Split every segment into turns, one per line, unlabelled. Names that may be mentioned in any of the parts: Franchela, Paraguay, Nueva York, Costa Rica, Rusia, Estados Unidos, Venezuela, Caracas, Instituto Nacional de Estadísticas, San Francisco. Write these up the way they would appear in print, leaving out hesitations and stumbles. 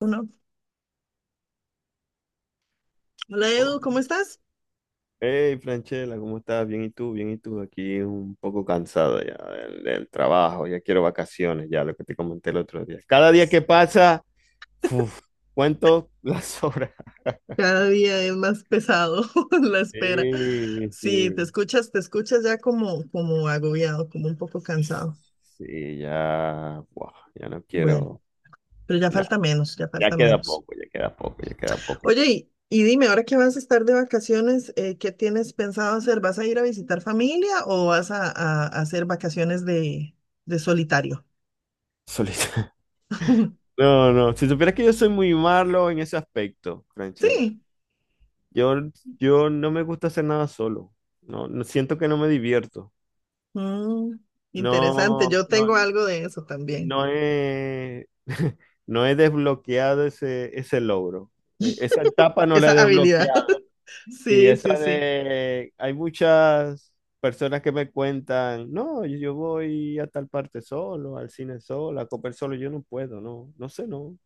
Uno. Hola
Oh.
Edu, ¿cómo estás?
Hey, Franchela, ¿cómo estás? Bien, ¿y tú? Bien, ¿y tú? Aquí un poco cansado ya del trabajo, ya quiero vacaciones, ya lo que te comenté el otro día. Cada día que pasa, uf, cuento las horas.
Cada día es más pesado la espera.
Sí,
Sí, te
sí,
escuchas, te escuchas ya como agobiado, como un poco cansado.
sí, ya, buah, ya no
Bueno,
quiero
pero ya
nada.
falta menos, ya
Ya
falta
queda
menos.
poco, ya queda poco, ya queda poco.
Oye, y dime, ahora que vas a estar de vacaciones, ¿qué tienes pensado hacer? ¿Vas a ir a visitar familia o vas a hacer vacaciones de solitario?
Solita. No, no, si supieras que yo soy muy malo en ese aspecto, Franchela.
Sí,
Yo, yo no me gusta hacer nada solo. No, siento que no me divierto.
Mm, interesante.
No,
Yo
no,
tengo algo de eso también,
no he, no he desbloqueado ese logro. Esa etapa no
esa
la he
habilidad.
desbloqueado. Sí,
Sí, sí,
esa
sí.
de, hay muchas personas que me cuentan, no, yo voy a tal parte solo, al cine solo, a comer solo, yo no puedo, no, no sé, no.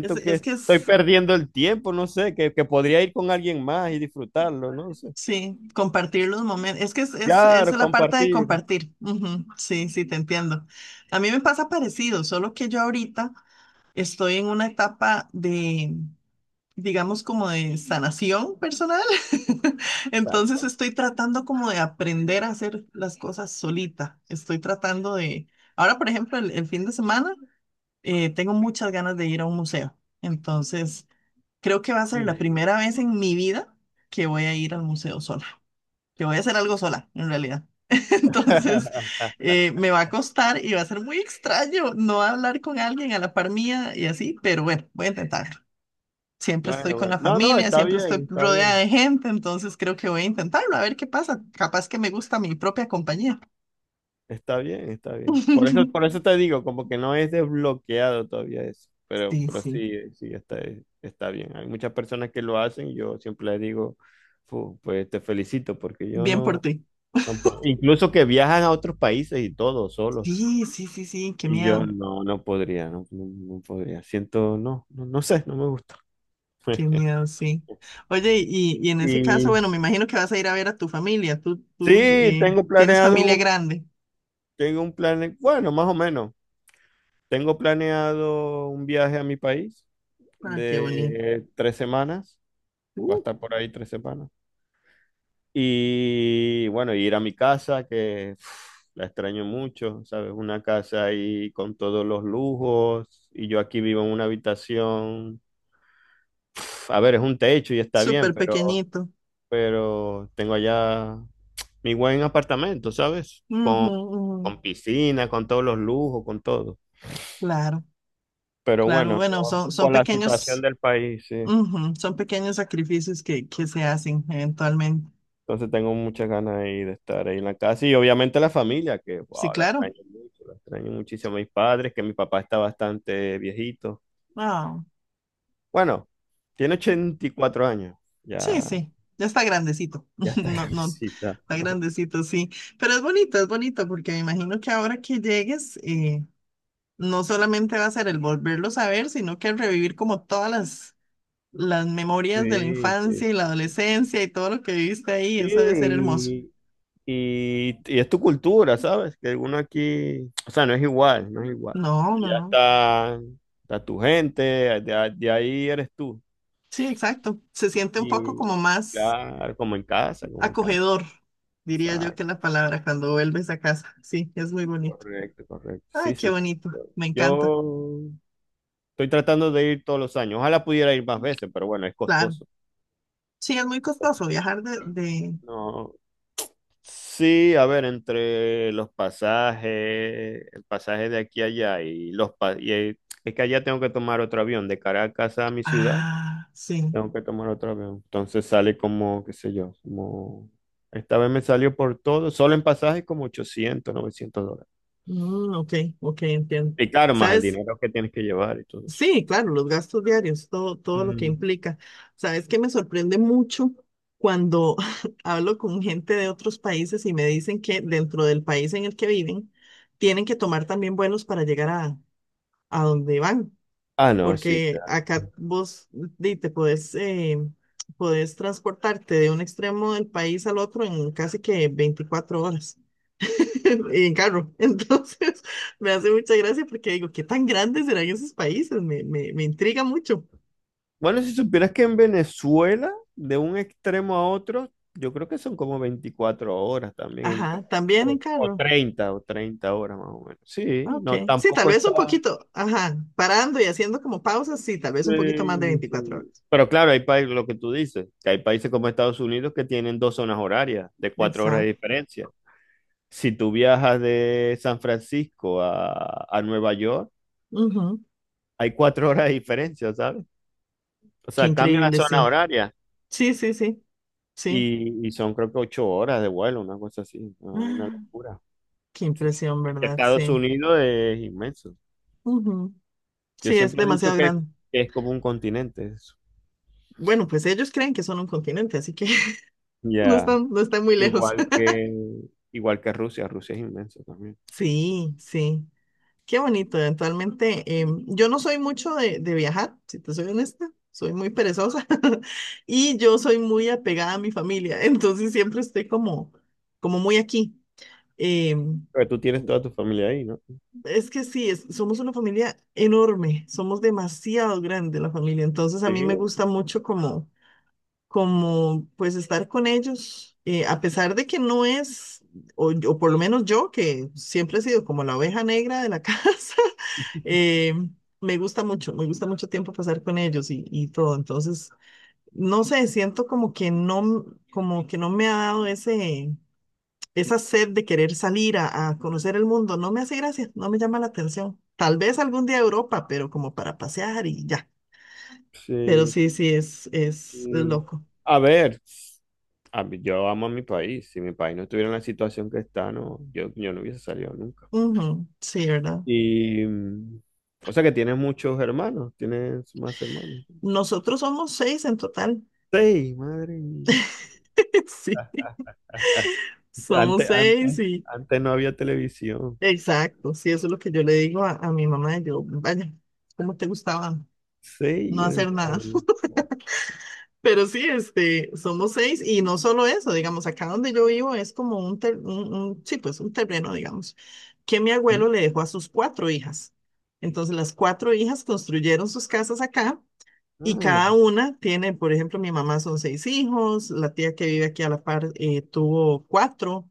Es,
que
es que
estoy
es.
perdiendo el tiempo, no sé, que podría ir con alguien más y disfrutarlo, no.
Sí, compartir los momentos. Es que es
Claro,
la parte de
compartir.
compartir. Ujú, sí, sí, te entiendo. A mí me pasa parecido, solo que yo ahorita estoy en una etapa de, digamos, como de sanación personal. Entonces
Exacto.
estoy tratando como de aprender a hacer las cosas solita. Estoy tratando de... Ahora, por ejemplo, el fin de semana, tengo muchas ganas de ir a un museo. Entonces, creo que va a ser la
Mm.
primera vez en mi vida que voy a ir al museo sola. Yo voy a hacer algo sola, en realidad. Entonces, me va a costar y va a ser muy extraño no hablar con alguien a la par mía y así, pero bueno, voy a intentarlo. Siempre estoy
Bueno,
con
bueno.
la
No, no,
familia,
está
siempre
bien,
estoy
está
rodeada
bien.
de gente, entonces creo que voy a intentarlo, a ver qué pasa. Capaz que me gusta mi propia compañía.
Está bien, está bien. Por eso te digo, como que no es desbloqueado todavía eso. Pero,
Sí,
pero
sí.
sí, sí, está, está bien. Hay muchas personas que lo hacen. Y yo siempre les digo, "Fu, pues te felicito, porque yo
Bien por
no,
ti.
no puedo". Incluso que viajan a otros países y todo, solos.
Sí, sí, sí, sí,
Y yo no, no podría, no, no, no podría. Siento, no, no, no sé, no me gusta.
qué miedo, sí. Oye, y en ese caso,
Y
bueno, me imagino que vas a ir a ver a tu familia. Tú
sí, tengo
tienes familia
planeado.
grande.
Tengo un plan, bueno, más o menos. Tengo planeado un viaje a mi país
Ah, qué bonito.
de 3 semanas. Va a
Uh,
estar por ahí 3 semanas. Y bueno, ir a mi casa, que uf, la extraño mucho, ¿sabes? Una casa ahí con todos los lujos. Y yo aquí vivo en una habitación. Uf, a ver, es un techo y está bien,
súper
pero,
pequeñito.
pero tengo allá mi buen apartamento, ¿sabes?
Ujú,
Con,
ujú.
con piscina, con todos los lujos, con todo.
Claro,
Pero
claro.
bueno,
Bueno,
no,
son
por la situación
pequeños,
del país, sí.
ujú, son pequeños sacrificios que se hacen eventualmente.
Entonces tengo muchas ganas ahí de estar ahí en la casa y obviamente la familia, que
Sí,
wow, la
claro.
extraño mucho, la extraño muchísimo a mis padres, que mi papá está bastante viejito.
Ah,
Bueno, tiene 84 años,
sí,
ya,
sí. Ya está grandecito.
ya está
No, no,
grandecita.
está grandecito, sí. Pero es bonito, porque me imagino que ahora que llegues, no solamente va a ser el volverlos a ver, sino que revivir como todas las memorias de la
Sí, sí,
infancia y la
sí.
adolescencia y todo lo que viviste ahí.
Sí,
Eso debe ser hermoso.
y es tu cultura, ¿sabes? Que uno aquí, o sea, no es igual, no es igual.
No, no,
Allá
no.
está tu gente, de ahí eres tú.
Sí, exacto. Se siente un poco
Y
como más
claro, como en casa, como en casa.
acogedor, diría yo que
Exacto,
la palabra, cuando vuelves a casa. Sí, es muy bonito.
correcto, correcto.
Ay,
Sí,
qué
sí.
bonito.
Yo
Me encanta.
yo estoy tratando de ir todos los años. Ojalá pudiera ir más veces, pero bueno, es
Claro.
costoso.
Sí, es muy costoso viajar de...
No. Sí, a ver, entre los pasajes, el pasaje de aquí a allá y es que allá tengo que tomar otro avión de Caracas a mi ciudad,
Ah, sí.
tengo que tomar otro avión. Entonces sale como, qué sé yo, como esta vez me salió por todo, solo en pasajes como 800 900 dólares.
Mm, ok, ok, entiendo.
Y claro, más el
¿Sabes?
dinero que tienes que llevar y todo eso.
Sí, claro, los gastos diarios, todo, todo lo que
Mm.
implica. Sabes que me sorprende mucho cuando hablo con gente de otros países y me dicen que dentro del país en el que viven tienen que tomar también vuelos para llegar a donde van,
Ah, no, sí,
porque
claro.
acá vos di, te podés, podés transportarte de un extremo del país al otro en casi que 24 horas. en carro. Entonces, me hace mucha gracia porque digo, ¿qué tan grandes serán esos países? Me intriga mucho.
Bueno, si supieras que en Venezuela, de un extremo a otro, yo creo que son como 24 horas también,
Ajá, también en
o
carro.
30, o 30 horas más o menos.
Ah,
Sí,
ok.
no,
Sí, tal
tampoco
vez
está...
un poquito. Ajá, parando y haciendo como pausas, sí, tal vez un poquito más de
Sí,
veinticuatro
sí.
horas.
Pero claro, hay países, lo que tú dices, que hay países como Estados Unidos que tienen dos zonas horarias de 4 horas de
Exacto.
diferencia. Si tú viajas de San Francisco a Nueva York,
Ujú.
hay 4 horas de diferencia, ¿sabes? O
Qué
sea, cambia la
increíble,
zona
sí.
horaria
Sí, sí, sí, sí.
y, son creo que 8 horas de vuelo, una cosa así, ah, una
Ah,
locura.
qué
Sí.
impresión,
Es que
¿verdad?
Estados
Sí.
Unidos es inmenso.
Ujú.
Yo
Sí, es
siempre he dicho
demasiado
que,
grande.
que es como un continente eso.
Bueno, pues ellos creen que son un continente, así que no
Ya,
están, no están muy lejos.
Igual que, igual que Rusia, Rusia es inmenso también.
Sí, sí. Qué bonito, eventualmente. Yo no soy mucho de viajar, si te soy honesta, soy muy perezosa y yo soy muy apegada a mi familia, entonces siempre estoy como muy aquí. Em,
Pero tú tienes toda tu familia ahí, ¿no?
es que sí, somos una familia enorme, somos demasiado grande la familia, entonces a
Sí,
mí me gusta mucho como pues estar con ellos, a pesar de que no es, o por lo menos yo, que siempre he sido como la oveja negra de la casa, eh, me gusta mucho tiempo pasar con ellos y todo. Entonces, no sé, siento como que no, como que no me ha dado esa sed de querer salir a conocer el mundo. No me hace gracia, no me llama la atención. Tal vez algún día a Europa, pero como para pasear y ya. Pero
sí.
sí, sí, es
Y,
loco.
a ver, yo amo a mi país. Si mi país no estuviera en la situación que está, no, yo no hubiese salido nunca.
Ujú, sí, ¿verdad?
Y, o sea que tienes muchos hermanos, tienes más hermanos.
Nosotros somos seis en total.
Seis, madre mía.
Sí, somos
Antes,
seis
antes,
y
antes no había televisión.
exacto. Sí, eso es lo que yo le digo a mi mamá. Yo, vaya, ¿cómo te gustaba no
Seis
hacer nada?
hermanos.
Pero sí, este, somos seis y no solo eso, digamos, acá donde yo vivo es como un, ter- un- sí, pues un terreno, digamos, que mi abuelo le dejó a sus cuatro hijas. Entonces, las cuatro hijas construyeron sus casas acá y cada
Ah,
una tiene, por ejemplo, mi mamá son seis hijos, la tía que vive aquí a la par tuvo cuatro.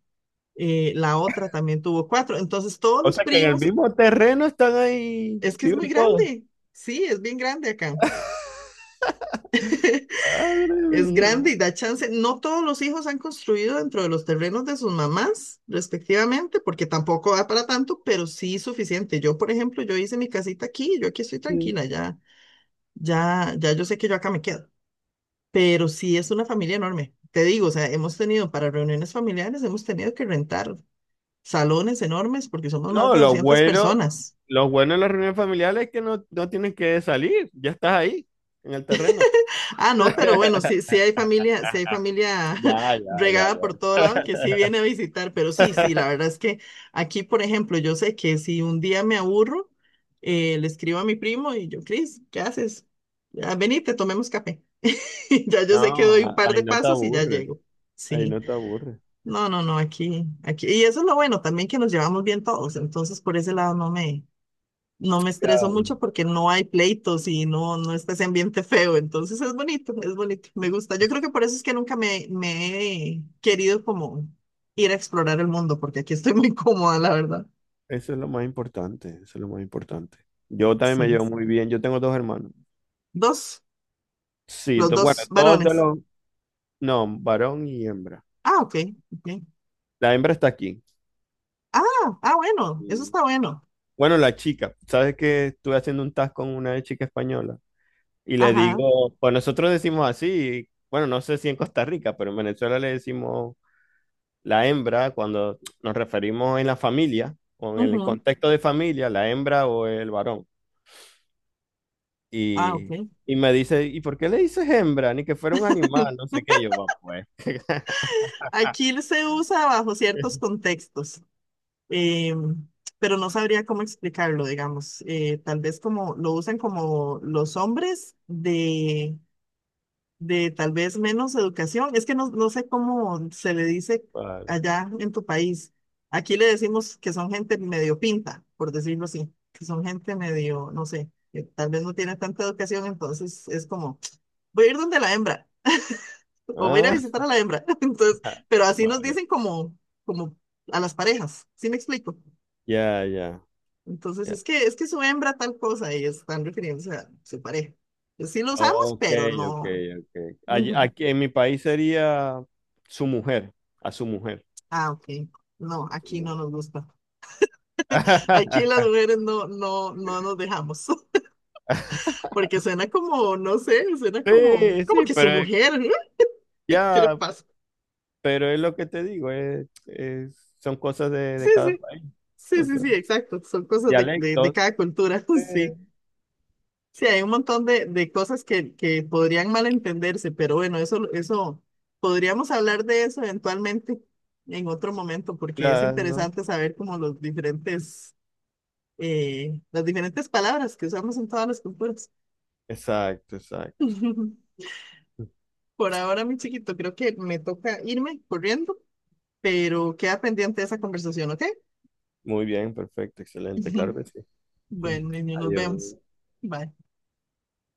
La otra también tuvo cuatro. Entonces, todos
o
los
sea que en el
primos,
mismo terreno están ahí,
es que es muy
viven todos.
grande. Sí, es bien grande acá.
Madre
Es grande y
mía.
da chance. No todos los hijos han construido dentro de los terrenos de sus mamás, respectivamente, porque tampoco da para tanto, pero sí suficiente. Yo, por ejemplo, yo hice mi casita aquí, yo aquí estoy
Sí.
tranquila, ya, ya, ya yo sé que yo acá me quedo. Pero sí es una familia enorme. Te digo, o sea, hemos tenido para reuniones familiares, hemos tenido que rentar salones enormes porque somos más
No,
de
lo
200
bueno,
personas.
lo bueno de las reuniones familiares es que no tienes que salir, ya estás ahí, en el terreno.
Ah, no, pero bueno, sí, sí hay familia
Ya, ya, ya,
regada por todo lado que sí
ya.
viene a visitar, pero sí, sí, la verdad es que aquí, por ejemplo, yo sé que si un día me aburro, le escribo a mi primo y yo, Cris, ¿qué haces? Ya, venite, tomemos café. Ya yo
No,
sé que doy un par
ahí
de
no te
pasos y ya
aburre,
llego.
ahí
Sí,
no te aburre.
no, no, no, aquí, aquí. Y eso es lo bueno también que nos llevamos bien todos, entonces por ese lado no me
Ya,
estreso mucho porque no hay pleitos y no, no está ese ambiente feo. Entonces es bonito, me gusta. Yo creo
pues,
que por eso es que nunca me he querido como ir a explorar el mundo, porque aquí estoy muy cómoda, la verdad.
eso es lo más importante, eso es lo más importante. Yo también me
Sí.
llevo muy bien, yo tengo dos hermanos.
Dos,
Sí,
los
bueno,
dos
dos de
varones.
los, no, varón y hembra.
Ah, ok, ok.
La hembra está aquí.
Ah, ah, bueno, eso
Y
está bueno.
bueno, la chica, ¿sabes que estuve haciendo un task con una chica española? Y le
Ajá.
digo, pues nosotros decimos así, bueno, no sé si en Costa Rica, pero en Venezuela le decimos la hembra cuando nos referimos en la familia, o en el
Ujú.
contexto de familia, la hembra o el varón.
Ah,
Y,
ok.
y me dice, ¿y por qué le dices hembra? Ni que fuera un animal, no sé qué. Yo, va, pues,
Aquí se usa bajo ciertos contextos. eh, pero no sabría cómo explicarlo, digamos. Tal vez como lo usan como los hombres de tal vez menos educación. Es que no, no sé cómo se le dice
vale.
allá en tu país. Aquí le decimos que son gente medio pinta, por decirlo así, que son gente medio, no sé, que tal vez no tiene tanta educación, entonces es como, voy a ir donde la hembra, o voy a ir a
Ah,
visitar a la hembra. Entonces, pero así nos
vale.
dicen como, como a las parejas, ¿sí me explico?
Ya, ya,
Entonces,
ya.
es que su hembra tal cosa y están refiriéndose a su pareja. Pues sí lo usamos,
Ok,
pero
ok,
no.
ok.
Ujú.
Aquí en mi país sería su mujer, a su mujer.
Ah, ok. No,
A su
aquí no
mujer.
nos gusta. Aquí las mujeres no, no, no nos dejamos. Porque suena como, no sé, suena como,
Sí,
como
sí,
que su
pero
mujer, ¿no? ¿Qué le
ya,
pasa?
pero es lo que te digo, son cosas de,
Sí,
de cada
sí,
país.
sí,
O
sí,
sea,
sí, exacto. Son cosas de
dialectos.
cada cultura,
Sí,
sí. Sí, hay un montón de cosas que podrían malentenderse, pero bueno, eso, podríamos hablar de eso eventualmente en otro momento, porque es
claro.
interesante saber como los diferentes, las diferentes palabras que usamos en todas las culturas.
Exacto, exacto.
Por ahora, mi chiquito, creo que me toca irme corriendo, pero queda pendiente esa conversación, ¿ok?
Muy bien, perfecto, excelente, claro que sí.
Bueno, niño, nos
Adiós.
vemos. Bye.